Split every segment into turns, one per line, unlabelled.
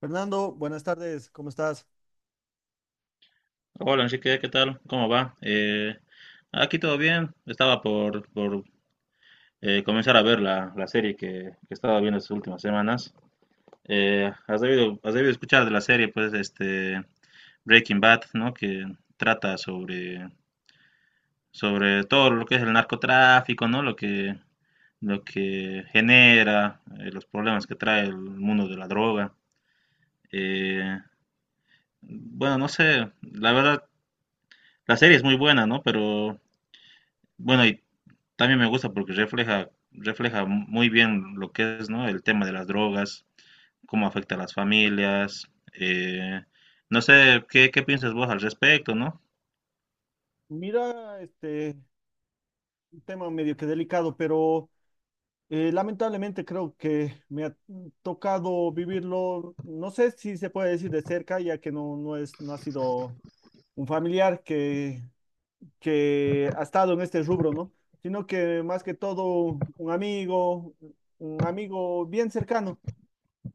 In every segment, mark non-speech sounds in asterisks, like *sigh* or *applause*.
Fernando, buenas tardes, ¿cómo estás?
Hola Enrique, ¿qué tal? ¿Cómo va? Aquí todo bien. Estaba por comenzar a ver la serie que estaba viendo estas últimas semanas. Has debido escuchar de la serie, pues, este Breaking Bad, ¿no? Que trata sobre todo lo que es el narcotráfico, ¿no? Lo que genera, los problemas que trae el mundo de la droga. Eh, bueno, no sé, la verdad, la serie es muy buena, ¿no? Pero bueno, y también me gusta porque refleja muy bien lo que es, ¿no? El tema de las drogas, cómo afecta a las familias. eh, no sé, qué piensas vos al respecto, ¿no?
Mira, este un tema medio que delicado, pero lamentablemente creo que me ha tocado vivirlo, no sé si se puede decir de cerca, ya que no es, no ha sido un familiar que ha estado en este rubro, ¿no? Sino que más que todo un amigo bien cercano.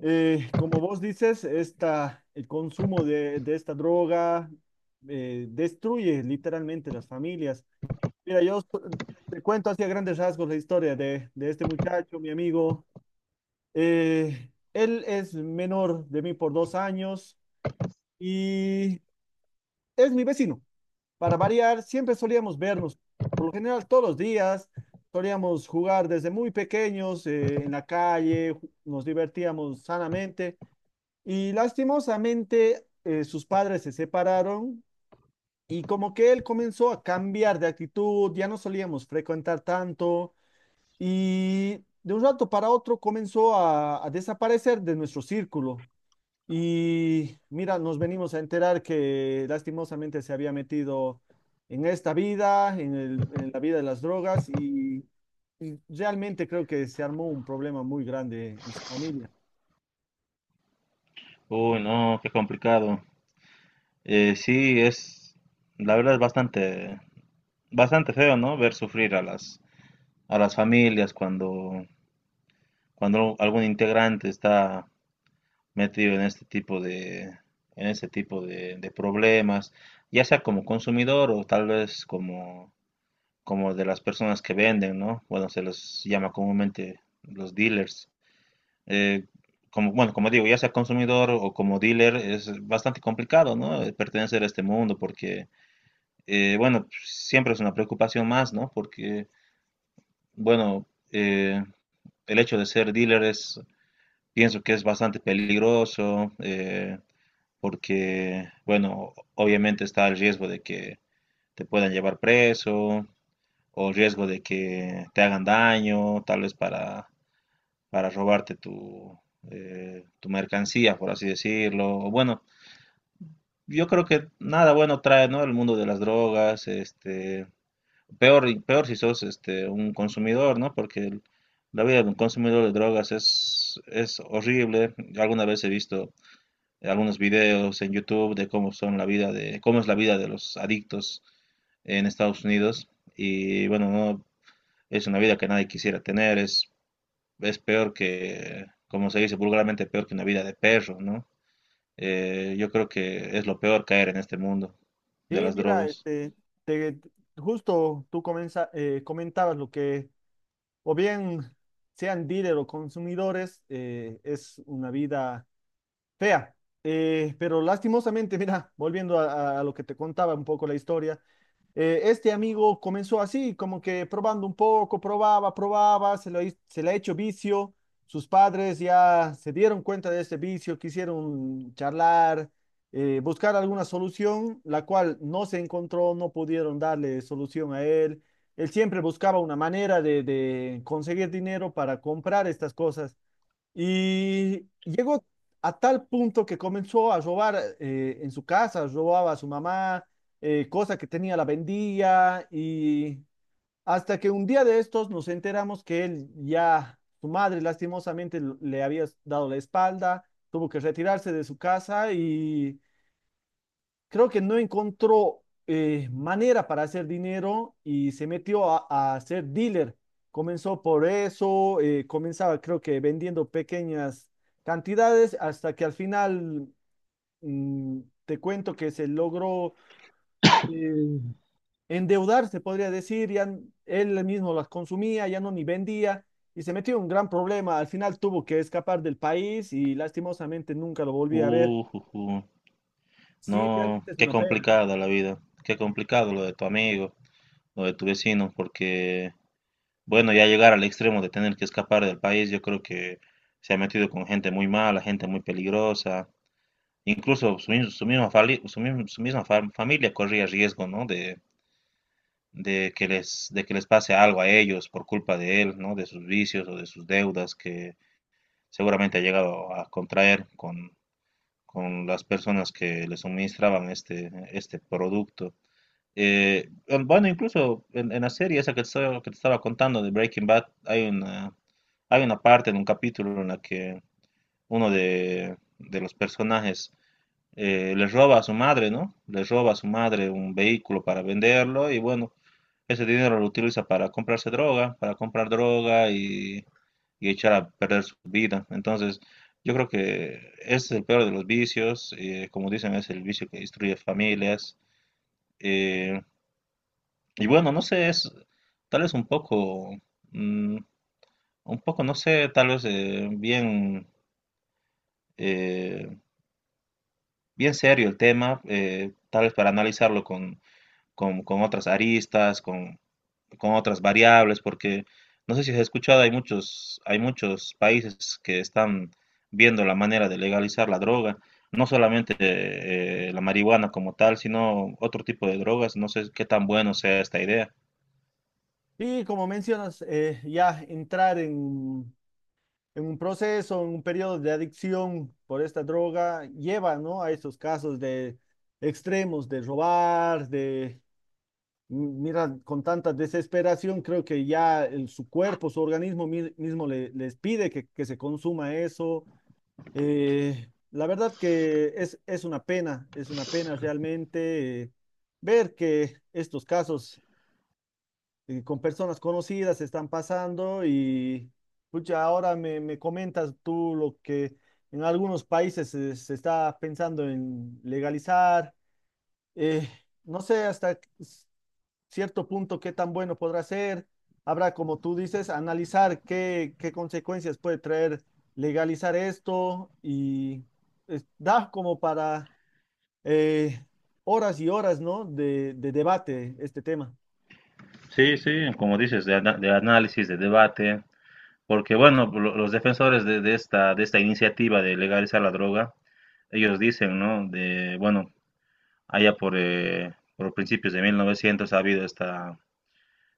Como vos dices, esta, el consumo de esta droga destruye literalmente las familias. Mira, te cuento así a grandes rasgos la historia de este muchacho, mi amigo. Él es menor de mí por 2 años y es mi vecino. Para variar, siempre solíamos vernos, por lo general todos los días. Solíamos jugar desde muy pequeños en la calle, nos divertíamos sanamente. Y lastimosamente sus padres se separaron y como que él comenzó a cambiar de actitud, ya no solíamos frecuentar tanto y de un rato para otro comenzó a desaparecer de nuestro círculo. Y mira, nos venimos a enterar que lastimosamente se había metido en esta vida, en la vida de las drogas y realmente creo que se armó un problema muy grande en su familia.
Uy, no, qué complicado. Sí, la verdad es bastante feo, ¿no? Ver sufrir a a las familias cuando algún integrante está metido en en este tipo de problemas, ya sea como consumidor o tal vez como de las personas que venden, ¿no? Bueno, se les llama comúnmente los dealers. Eh, Como digo, ya sea consumidor o como dealer, es bastante complicado, ¿no? Pertenecer a este mundo porque, bueno, siempre es una preocupación más, ¿no? Porque, bueno, eh, el hecho de ser dealer es, pienso que es bastante peligroso, porque, bueno, obviamente está el riesgo de que te puedan llevar preso o el riesgo de que te hagan daño, tal vez para robarte tu mercancía, por así decirlo. O bueno, yo creo que nada bueno trae, ¿no? El mundo de las drogas, este, peor si sos este, un consumidor, ¿no? La vida de un consumidor de drogas es horrible. Alguna vez he visto algunos videos en YouTube de cómo son la vida de, cómo es la vida de los adictos en Estados Unidos. Y bueno, no, es una vida que nadie quisiera tener, es peor que, como se dice vulgarmente, peor que una vida de perro, ¿no? Yo creo que es lo peor caer en este mundo de
Sí,
las
mira,
drogas.
este, te- justo tú comentabas lo que, o bien sean dealer o consumidores, es una vida fea. Pero lastimosamente, *laughs* mira, volviendo a lo que te contaba un poco la historia, este amigo comenzó así, como que probando un poco, probaba, se le ha hecho vicio. Sus padres ya se dieron cuenta de este vicio, quisieron charlar, buscar alguna solución, la cual no se encontró, no pudieron darle solución a él. Él siempre buscaba una manera de conseguir dinero para comprar estas cosas. Y llegó a tal punto que comenzó a robar en su casa, robaba a su mamá, cosa que tenía la vendía, y hasta que un día de estos nos enteramos que él ya, su madre lastimosamente le había dado la espalda, tuvo que retirarse de su casa y creo que no encontró manera para hacer dinero y se metió a ser dealer. Comenzó por eso, comenzaba creo que vendiendo pequeñas cantidades hasta que al final te cuento que se logró eh, endeudar, se podría decir, ya él mismo las consumía, ya no ni vendía y se metió en un gran problema. Al final tuvo que escapar del país y lastimosamente nunca lo volví a ver.
Uh, uh, uh.
Sí,
No,
realmente es
qué
una pena.
complicada la vida, qué complicado lo de tu amigo, lo de tu vecino, porque bueno, ya llegar al extremo de tener que escapar del país, yo creo que se ha metido con gente muy mala, gente muy peligrosa. Incluso su misma, su misma familia corría riesgo, ¿no? De que les pase algo a ellos por culpa de él, ¿no? De sus vicios o de sus deudas que seguramente ha llegado a contraer con las personas que le suministraban este, este producto. Incluso en la serie esa que te estaba contando de Breaking Bad, hay una parte en un capítulo en la que uno de los personajes le roba a su madre, ¿no? Le roba a su madre un vehículo para venderlo y bueno, ese dinero lo utiliza para comprarse droga, para comprar droga y echar a perder su vida. Entonces, yo creo que ese es el peor de los vicios, como dicen, es el vicio que destruye familias. Eh, y bueno, no sé, es tal vez un poco, mm, un poco, no sé, tal vez eh, bien serio el tema, tal vez para analizarlo con otras aristas, con otras variables, porque no sé si has escuchado, hay muchos países que están viendo la manera de legalizar la droga, no solamente la marihuana como tal, sino otro tipo de drogas, no sé qué tan bueno sea esta idea.
Y como mencionas, ya entrar en un proceso, en un periodo de adicción por esta droga, lleva, ¿no? A estos casos de extremos, de robar, de, mira, con tanta desesperación, creo que ya su cuerpo, su organismo mismo les pide que se consuma eso. La verdad que es una pena realmente ver que estos casos con personas conocidas están pasando y pucha, ahora me comentas tú lo que en algunos países se está pensando en legalizar. eh, no sé hasta cierto punto qué tan bueno podrá ser. Habrá, como tú dices, analizar qué consecuencias puede traer legalizar esto y da como para eh, horas y horas, ¿no? De debate este tema.
Sí, sí, como dices, de análisis, de debate, porque bueno, los defensores de esta iniciativa de legalizar la droga, ellos dicen, ¿no? De, bueno, allá por principios de 1900 ha habido esta,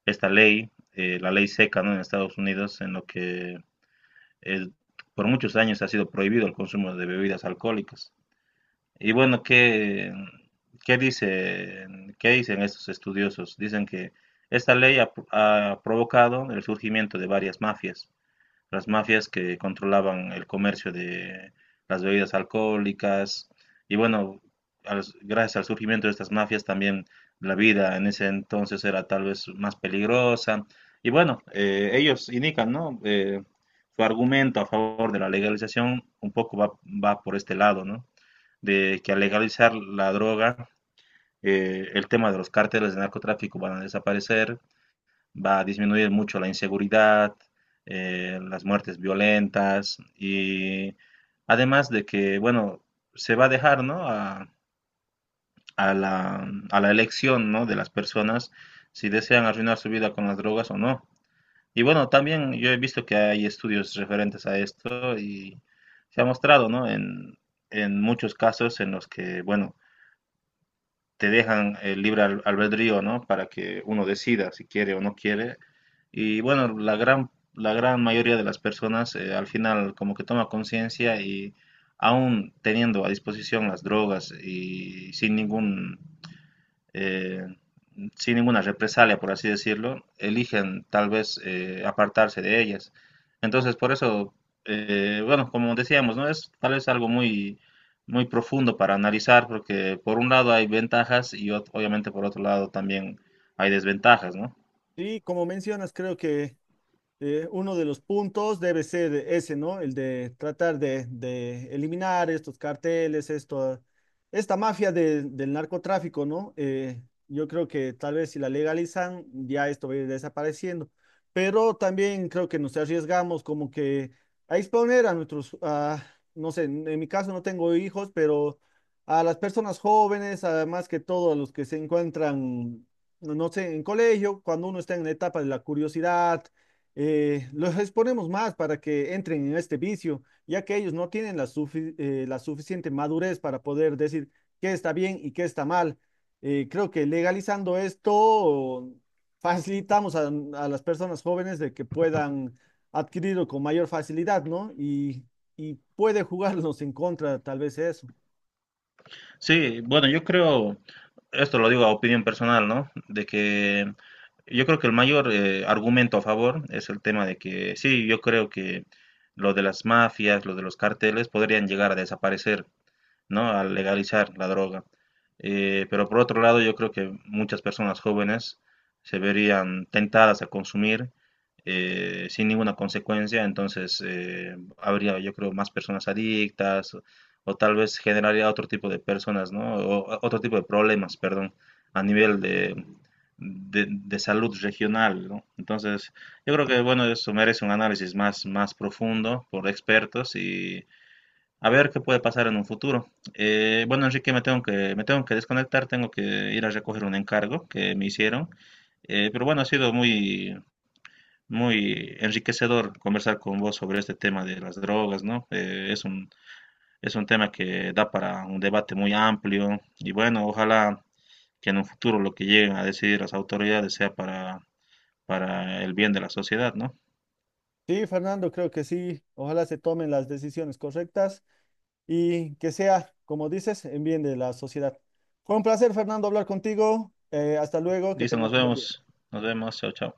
esta ley, la ley seca, ¿no? En Estados Unidos, en lo que eh, por muchos años ha sido prohibido el consumo de bebidas alcohólicas. Y bueno, ¿qué, qué dicen estos estudiosos? Dicen que esta ley ha, ha provocado el surgimiento de varias mafias, las mafias que controlaban el comercio de las bebidas alcohólicas. Y bueno, gracias al surgimiento de estas mafias también la vida en ese entonces era tal vez más peligrosa. Y bueno, ellos indican, ¿no? Su argumento a favor de la legalización un poco va por este lado, ¿no? De que al legalizar la droga, el tema de los cárteles de narcotráfico van a desaparecer, va a disminuir mucho la inseguridad, las muertes violentas y además de que, bueno, se va a dejar, ¿no? a, a la elección, ¿no? de las personas si desean arruinar su vida con las drogas o no. Y bueno, también yo he visto que hay estudios referentes a esto y se ha mostrado, ¿no? En muchos casos en los que, bueno, te dejan el libre albedrío, ¿no? Para que uno decida si quiere o no quiere. Y bueno, la gran mayoría de las personas al final como que toma conciencia y aún teniendo a disposición las drogas y sin ningún eh, sin ninguna represalia, por así decirlo, eligen tal vez apartarse de ellas. Entonces, por eso, bueno, como decíamos, ¿no? Es tal vez algo muy profundo para analizar, porque por un lado hay ventajas y obviamente por otro lado también hay desventajas, ¿no?
Sí, como mencionas, creo que uno de los puntos debe ser ese, ¿no? El de tratar de eliminar estos carteles, esto, esta mafia del narcotráfico, ¿no? Yo creo que tal vez si la legalizan, ya esto va a ir desapareciendo. Pero también creo que nos arriesgamos como que a exponer a nuestros, no sé, en mi caso no tengo hijos, pero a las personas jóvenes, además que todo, a los que se encuentran, no sé, en colegio, cuando uno está en la etapa de la curiosidad los exponemos más para que entren en este vicio, ya que ellos no tienen la, la suficiente madurez para poder decir qué está bien y qué está mal. Creo que legalizando esto facilitamos a las personas jóvenes de que puedan adquirirlo con mayor facilidad, ¿no? Y puede jugarnos en contra tal vez eso.
Sí, bueno, yo creo, esto lo digo a opinión personal, ¿no? De que yo creo que el mayor argumento a favor es el tema de que sí, yo creo que lo de las mafias, lo de los carteles podrían llegar a desaparecer, ¿no? Al legalizar la droga. Pero por otro lado, yo creo que muchas personas jóvenes se verían tentadas a consumir sin ninguna consecuencia, entonces habría, yo creo, más personas adictas o tal vez generaría otro tipo de personas, ¿no? O otro tipo de problemas, perdón, a nivel de salud regional, ¿no? Entonces, yo creo que, bueno, eso merece un análisis más profundo por expertos y a ver qué puede pasar en un futuro. Bueno, Enrique, me tengo me tengo que desconectar, tengo que ir a recoger un encargo que me hicieron. Pero bueno, ha sido muy enriquecedor conversar con vos sobre este tema de las drogas, ¿no? Es un tema que da para un debate muy amplio y bueno, ojalá que en un futuro lo que lleguen a decidir las autoridades sea para el bien de la sociedad, ¿no?
Sí, Fernando, creo que sí. Ojalá se tomen las decisiones correctas y que sea, como dices, en bien de la sociedad. Fue un placer, Fernando, hablar contigo. Hasta luego, que
Dice,
tengas un buen día.
nos vemos, chao, chao.